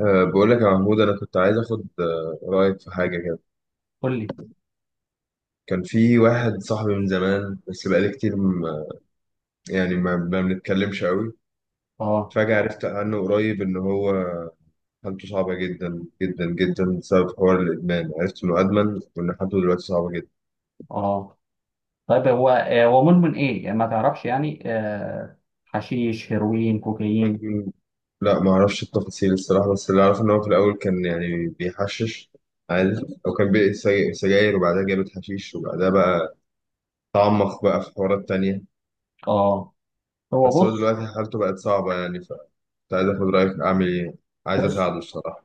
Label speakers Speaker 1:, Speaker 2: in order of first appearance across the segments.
Speaker 1: بقول لك يا محمود، أنا كنت عايز آخد رأيك في حاجة كده.
Speaker 2: قول لي.
Speaker 1: كان في واحد صاحبي من زمان، بس بقالي كتير ما يعني ما بنتكلمش قوي.
Speaker 2: اه.
Speaker 1: فجأة عرفت عنه قريب إن هو حالته صعبة جدا جدا جدا بسبب حوار الإدمان، عرفت إنه أدمن وإن حالته دلوقتي صعبة جدا.
Speaker 2: اه. طيب هو مدمن ايه؟ يعني ما تعرفش. يعني حشيش، هيروين، كوكايين؟
Speaker 1: م- لا، ما أعرفش التفاصيل الصراحة، بس اللي أعرفه إن هو في الأول كان يعني بيحشش عادي، أو كان بيقي سجاير، وبعدها جابت حشيش، وبعدها بقى تعمق بقى في حوارات تانية.
Speaker 2: اه. هو
Speaker 1: بس هو
Speaker 2: بص.
Speaker 1: دلوقتي حالته بقت صعبة، يعني كنت عايز اخد رايك اعمل ايه، عايز
Speaker 2: بص
Speaker 1: اساعده الصراحه.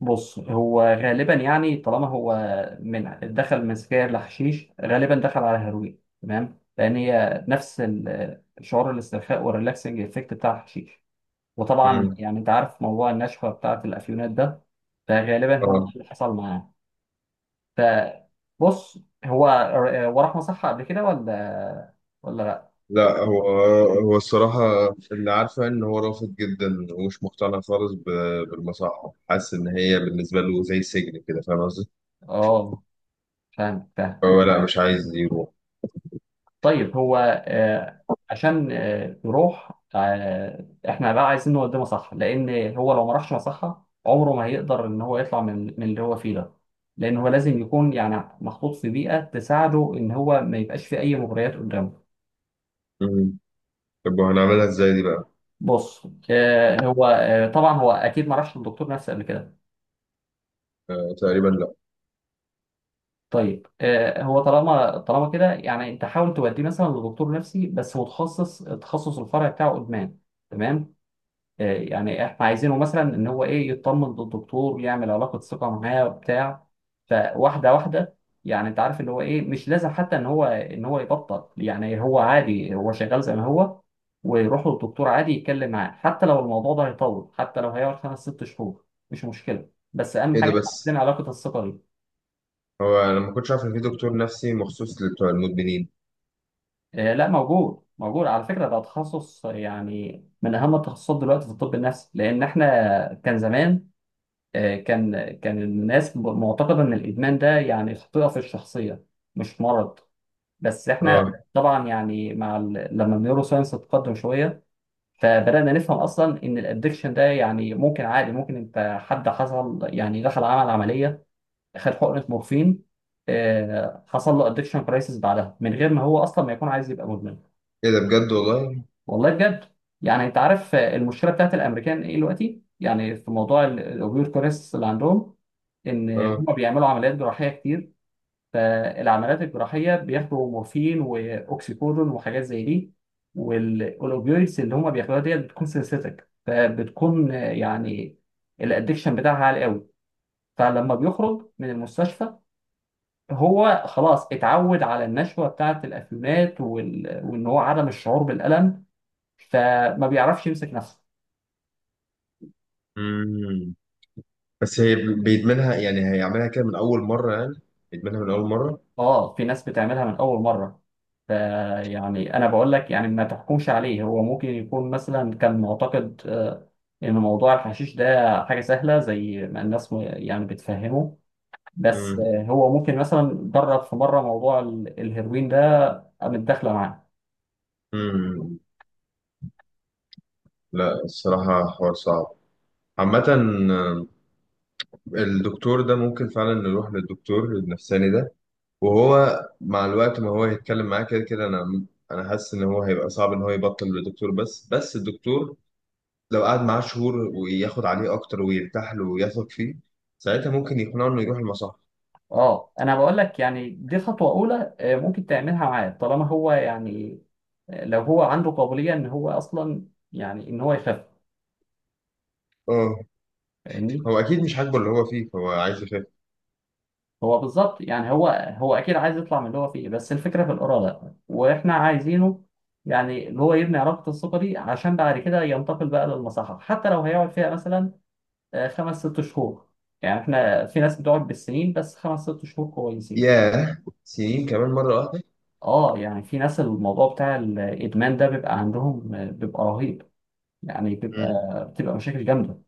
Speaker 2: بص هو غالبا، يعني طالما هو من دخل من سجاير لحشيش غالبا دخل على هيروين، تمام، لان هي نفس شعور الاسترخاء والريلاكسنج افكت بتاع الحشيش. وطبعا
Speaker 1: امم.
Speaker 2: يعني انت عارف موضوع النشوه بتاعه الافيونات ده. فغالبا هو
Speaker 1: اه،
Speaker 2: اللي حصل معاه. فبص. هو وراح مصحة قبل كده ولا لا؟
Speaker 1: لا. هو الصراحه اللي عارفه ان هو رافض جدا ومش مقتنع خالص بالمصحه، حاسس ان هي بالنسبه له زي سجن كده، فاهم قصدي؟
Speaker 2: اه، فاهم فاهم.
Speaker 1: فهو لا، مش عايز يروح.
Speaker 2: طيب هو آه، عشان يروح احنا بقى عايزين نوديه مصحة، لأن هو لو ما راحش مصحة عمره ما هيقدر إن هو يطلع من اللي هو فيه ده. لأن هو لازم يكون يعني محطوط في بيئة تساعده إن هو ما يبقاش في أي مغريات قدامه.
Speaker 1: امم. طب وهنعملها ازاي دي بقى؟
Speaker 2: بص هو طبعا هو أكيد ما راحش للدكتور نفسي قبل كده.
Speaker 1: آه، تقريبا لا.
Speaker 2: طيب هو طالما كده، يعني انت حاول توديه مثلا لدكتور نفسي بس متخصص، تخصص الفرع بتاعه ادمان، تمام. يعني احنا عايزينه مثلا ان هو ايه، يطمن للدكتور، يعمل علاقه ثقه معاه وبتاع. فواحده واحده. يعني انت عارف اللي هو ايه، مش لازم حتى ان هو يبطل، يعني هو عادي هو شغال زي ما هو، ويروح للدكتور عادي يتكلم معاه. حتى لو الموضوع ده هيطول، حتى لو هيقعد خمس ست شهور، مش مشكله. بس اهم
Speaker 1: ايه
Speaker 2: حاجه
Speaker 1: ده؟
Speaker 2: إحنا عايزين
Speaker 1: بس
Speaker 2: علاقه الثقه دي.
Speaker 1: هو انا ما كنتش عارف ان في دكتور نفسي مخصوص لبتوع المدمنين.
Speaker 2: لا، موجود موجود على فكرة. ده تخصص يعني من أهم التخصصات دلوقتي في الطب النفسي، لأن إحنا كان زمان، كان الناس معتقدة إن الإدمان ده يعني خطيئة في الشخصية، مش مرض. بس إحنا
Speaker 1: اه.
Speaker 2: طبعا يعني مع لما النيورو ساينس تقدم شوية، فبدأنا نفهم أصلا إن الأدكشن ده يعني ممكن عادي، ممكن أنت حد حصل يعني دخل عمل عملية، خد حقنة مورفين، حصل له أدكشن كرايسيس بعدها من غير ما هو أصلا ما يكون عايز يبقى مدمن.
Speaker 1: ايه ده بجد؟ والله.
Speaker 2: والله بجد. يعني انت عارف المشكله بتاعت الامريكان ايه دلوقتي، يعني في موضوع الاوبير كوريس اللي عندهم، ان
Speaker 1: اه.
Speaker 2: هم بيعملوا عمليات جراحيه كتير. فالعمليات الجراحيه بياخدوا مورفين واوكسيكودون وحاجات زي دي، والاوبيويدز اللي هم بياخدوها ديت بتكون سينثيتك، فبتكون يعني الادكشن بتاعها عالي قوي. فلما بيخرج من المستشفى، هو خلاص اتعود على النشوه بتاعت الافيونات وان هو عدم الشعور بالالم، فما بيعرفش يمسك نفسه.
Speaker 1: امم. بس هي بيدمنها، يعني هيعملها كده من اول مره؟ يعني يدمنها من اول مره؟
Speaker 2: اه، في ناس بتعملها من اول مره. فيعني انا بقول لك، يعني ما تحكمش عليه. هو ممكن يكون مثلا كان معتقد ان موضوع الحشيش ده حاجه سهله زي ما الناس يعني بتفهمه. بس
Speaker 1: مم.
Speaker 2: هو ممكن مثلا جرب في مره موضوع الهيروين ده متداخله معاه.
Speaker 1: مم. لا الصراحة حوار صعب عامة. آه، الدكتور ده ممكن فعلا نروح للدكتور النفساني ده، وهو مع الوقت ما هو هيتكلم معاه كده كده. أنا حاسس إن هو هيبقى صعب إن هو يبطل للدكتور، بس الدكتور لو قعد معاه شهور وياخد عليه أكتر ويرتاح له ويثق فيه، ساعتها ممكن يقنعه إنه يروح المصح.
Speaker 2: اه، انا بقول لك، يعني دي خطوه اولى ممكن تعملها معاه، طالما هو يعني لو هو عنده قابليه ان هو اصلا، يعني ان هو يخف.
Speaker 1: اه،
Speaker 2: فاهمني.
Speaker 1: هو أكيد مش عاجبه اللي هو فيه، فهو عايز يخف.
Speaker 2: هو بالظبط، يعني هو اكيد عايز يطلع من اللي هو فيه، بس الفكره في الاراده، واحنا عايزينه يعني اللي هو يبني علاقه الثقه دي عشان بعد كده ينتقل بقى للمصحه، حتى لو هيقعد فيها مثلا خمس ست شهور. يعني احنا في ناس بتقعد بالسنين، بس خمس ست شهور كويسين.
Speaker 1: ياه، سنين كمان مرة؟
Speaker 2: اه، يعني في ناس الموضوع بتاع الادمان ده بيبقى عندهم بيبقى رهيب، يعني
Speaker 1: واحدة.
Speaker 2: بيبقى، بتبقى مشاكل جامده.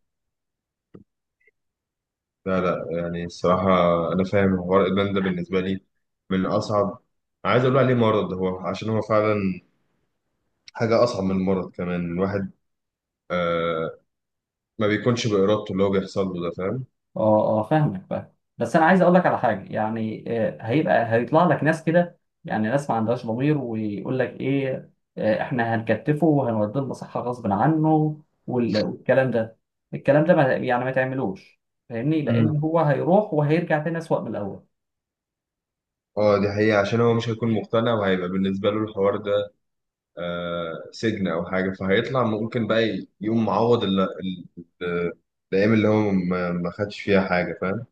Speaker 1: لا لا، يعني الصراحة أنا فاهم حوار إدمان ده، بالنسبة لي من أصعب. عايز أقول عليه مرض هو، عشان هو فعلا حاجة أصعب من المرض كمان. الواحد آه ما بيكونش بإرادته اللي هو بيحصل له ده، فاهم؟
Speaker 2: اه. اه، فاهمك فاهم. بس انا عايز اقول لك على حاجه، يعني هيبقى هيطلع لك ناس كده، يعني ناس ما عندهاش ضمير، ويقول لك ايه احنا هنكتفه وهنوديه المصحه غصب عنه والكلام ده. الكلام ده ما يعني ما تعملوش، فاهمني.
Speaker 1: مم.
Speaker 2: لان هو هيروح وهيرجع تاني اسوأ من الاول.
Speaker 1: اه، دي حقيقة. عشان هو مش هيكون مقتنع، وهيبقى بالنسبة له الحوار ده سجن أو حاجة، فهيطلع ممكن بقى يقوم معوض ال- الأيام اللي هو ما خدش فيها حاجة، فاهم؟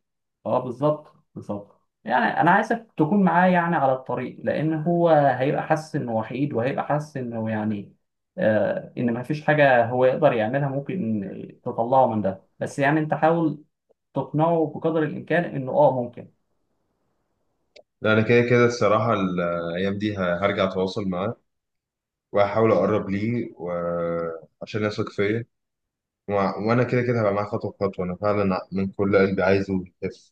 Speaker 2: اه، بالظبط بالظبط. يعني انا عايزك تكون معاه يعني على الطريق، لان هو هيبقى حاسس انه وحيد، وهيبقى حاسس انه يعني ان ما فيش حاجه هو يقدر يعملها ممكن تطلعه من ده. بس يعني انت حاول تقنعه بقدر الامكان انه ممكن.
Speaker 1: لا، أنا كده كده الصراحة الأيام دي هرجع أتواصل معاه، وهحاول اقرب ليه، وعشان يثق فيا، وانا كده كده هبقى معاه خطوه بخطوه. انا فعلا من كل قلبي عايزه يخف.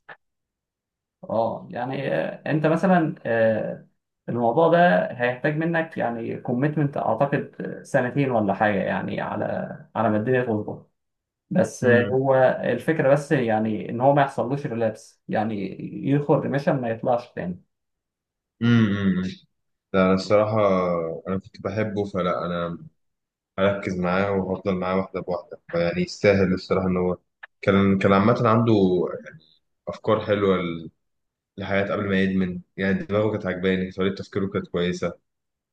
Speaker 2: اه، يعني انت مثلا، الموضوع ده هيحتاج منك يعني كوميتمنت، اعتقد سنتين ولا حاجه، يعني على على ما الدنيا تظبط. بس
Speaker 1: امم.
Speaker 2: هو الفكرة بس يعني إن هو ما يحصلوش ريلابس، يعني يدخل ريميشن ما يطلعش تاني.
Speaker 1: امم. ده انا الصراحه انا كنت بحبه، فلا انا هركز معاه وهفضل معاه واحده بواحده، فيعني يستاهل الصراحه. ان هو كان عامه عنده افكار حلوه للحياه قبل ما يدمن، يعني دماغه كانت عجباني، طريقه تفكيره كانت كويسه.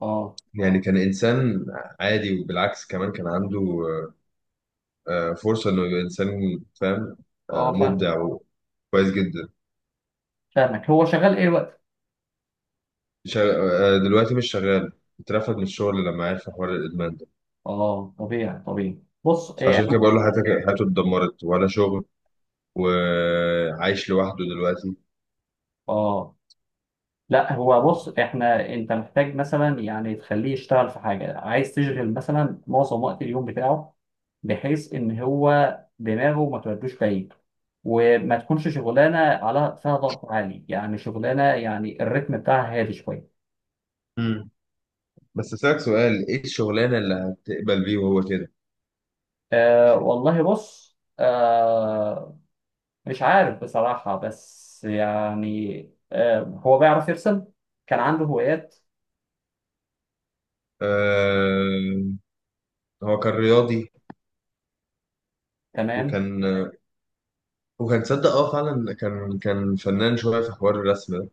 Speaker 2: اه.
Speaker 1: يعني كان انسان عادي، وبالعكس كمان كان عنده فرصة إنه يبقى إنسان، فاهم؟
Speaker 2: اه، فاهم
Speaker 1: مبدع وكويس جدا.
Speaker 2: فاهمك. هو شغال إيه وقت؟
Speaker 1: شغ... آه، دلوقتي مش شغال، اترفد من الشغل لما عرف حوار الإدمان ده.
Speaker 2: اه، طبيعي طبيعي. بص إيه.
Speaker 1: عشان كده بقول له، حياته اتدمرت، ولا شغل، وعايش لوحده دلوقتي.
Speaker 2: اه، لا هو بص. إحنا أنت محتاج مثلا يعني تخليه يشتغل في حاجة، عايز تشغل مثلا معظم وقت اليوم بتاعه بحيث إن هو دماغه ما تودوش بعيد، وما تكونش شغلانة على فيها ضغط عالي، يعني شغلانة يعني الريتم بتاعها هادي شوية.
Speaker 1: مم. بس أسألك سؤال، إيه الشغلانة اللي هتقبل بيه وهو كده؟
Speaker 2: أه، والله بص. أه، مش عارف بصراحة، بس يعني أه هو بيعرف يرسم، كان عنده هوايات.
Speaker 1: آه... هو كان رياضي،
Speaker 2: تمام.
Speaker 1: وكان وكان تصدق، اه فعلا، كان فنان شوية في حوار الرسم ده.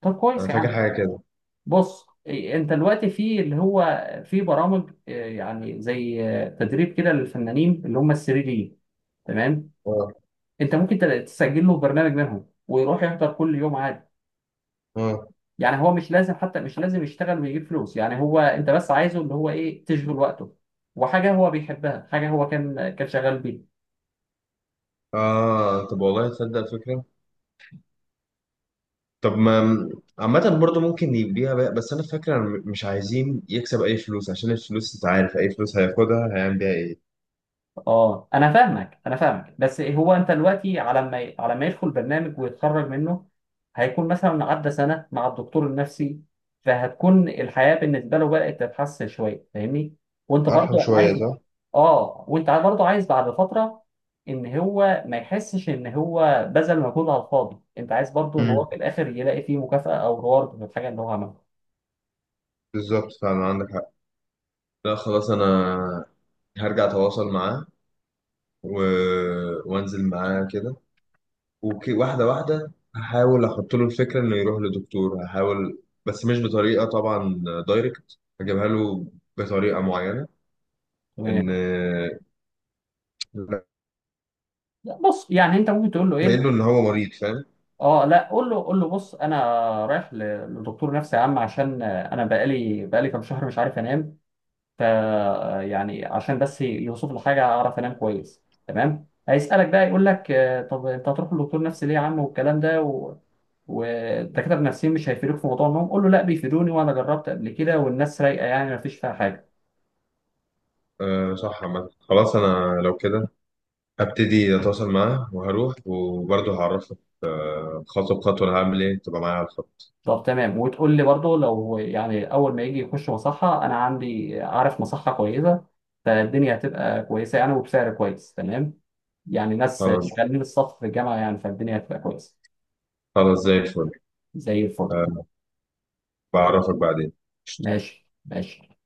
Speaker 2: طب
Speaker 1: أنا
Speaker 2: كويس يا
Speaker 1: فاكر
Speaker 2: عم.
Speaker 1: حاجة كده.
Speaker 2: بص إيه، انت دلوقتي في اللي هو في برامج يعني زي تدريب كده للفنانين اللي هم ال 3 دي، تمام.
Speaker 1: اه،
Speaker 2: انت ممكن تسجل له برنامج منهم، ويروح يحضر كل يوم عادي.
Speaker 1: اه،
Speaker 2: يعني هو مش لازم، حتى مش لازم يشتغل ويجيب فلوس. يعني هو انت بس عايزه اللي هو ايه، تشغل وقته وحاجه هو بيحبها، حاجه هو كان شغال بيها.
Speaker 1: اه. طب والله تصدق فكرة. طب ما عامة برضه ممكن يبيع بقى. بس أنا فاكر أنا مش عايزين يكسب أي فلوس، عشان الفلوس أنت عارف أي فلوس هياخدها هيعمل بيها إيه.
Speaker 2: اه، انا فاهمك انا فاهمك. بس هو انت دلوقتي على ما على ما يدخل برنامج ويتخرج منه، هيكون مثلا عدى سنه مع الدكتور النفسي، فهتكون الحياه بالنسبه له بدات تتحسن شويه، فاهمني. وانت
Speaker 1: أرحم
Speaker 2: برضو
Speaker 1: شوية،
Speaker 2: عايز.
Speaker 1: صح؟
Speaker 2: اه، وانت برضو عايز بعد فتره ان هو ما يحسش ان هو بذل مجهود على الفاضي، انت عايز برضو ان
Speaker 1: امم.
Speaker 2: هو في الاخر يلاقي فيه مكافاه او رeward في الحاجه اللي هو عملها.
Speaker 1: بالظبط فعلا عندك حق. لا خلاص، أنا هرجع أتواصل معاه، و... وأنزل معاه كده، واحدة واحدة هحاول أحط له الفكرة إنه يروح لدكتور. هحاول بس مش بطريقة طبعا دايركت، هجيبها له بطريقة معينة،
Speaker 2: تمام.
Speaker 1: إن
Speaker 2: لا، بص، يعني انت ممكن تقول له
Speaker 1: باين
Speaker 2: ايه.
Speaker 1: له إن هو مريض، فاهم؟
Speaker 2: اه لا، قول له قول له بص، انا رايح لدكتور نفسي يا عم، عشان انا بقالي كام شهر مش عارف انام، ف يعني عشان بس يوصف لي حاجه اعرف انام كويس، تمام. هيسالك بقى يقول لك طب انت هتروح لدكتور نفسي ليه يا عم، والكلام ده والدكاتره النفسيين مش هيفيدوك في موضوع النوم. قول له لا، بيفيدوني، وانا جربت قبل كده، والناس رايقه، يعني ما فيش فيها حاجه.
Speaker 1: أه صح. عامة خلاص أنا لو كده هبتدي أتواصل معاه، وهروح وبرضه هعرفك خطوة بخطوة أنا هعمل إيه. تبقى معايا على الخط.
Speaker 2: طب تمام. وتقول لي برضه لو يعني اول ما يجي يخش مصحة، انا عندي، عارف مصحة كويسة، فالدنيا هتبقى كويسة يعني، وبسعر كويس، تمام. يعني ناس
Speaker 1: خلاص.
Speaker 2: شغالين الصف في الجامعة يعني، فالدنيا هتبقى كويسة.
Speaker 1: خلاص زي الفل.
Speaker 2: زي الفل.
Speaker 1: أه، بعرفك بعدين.
Speaker 2: ماشي ماشي.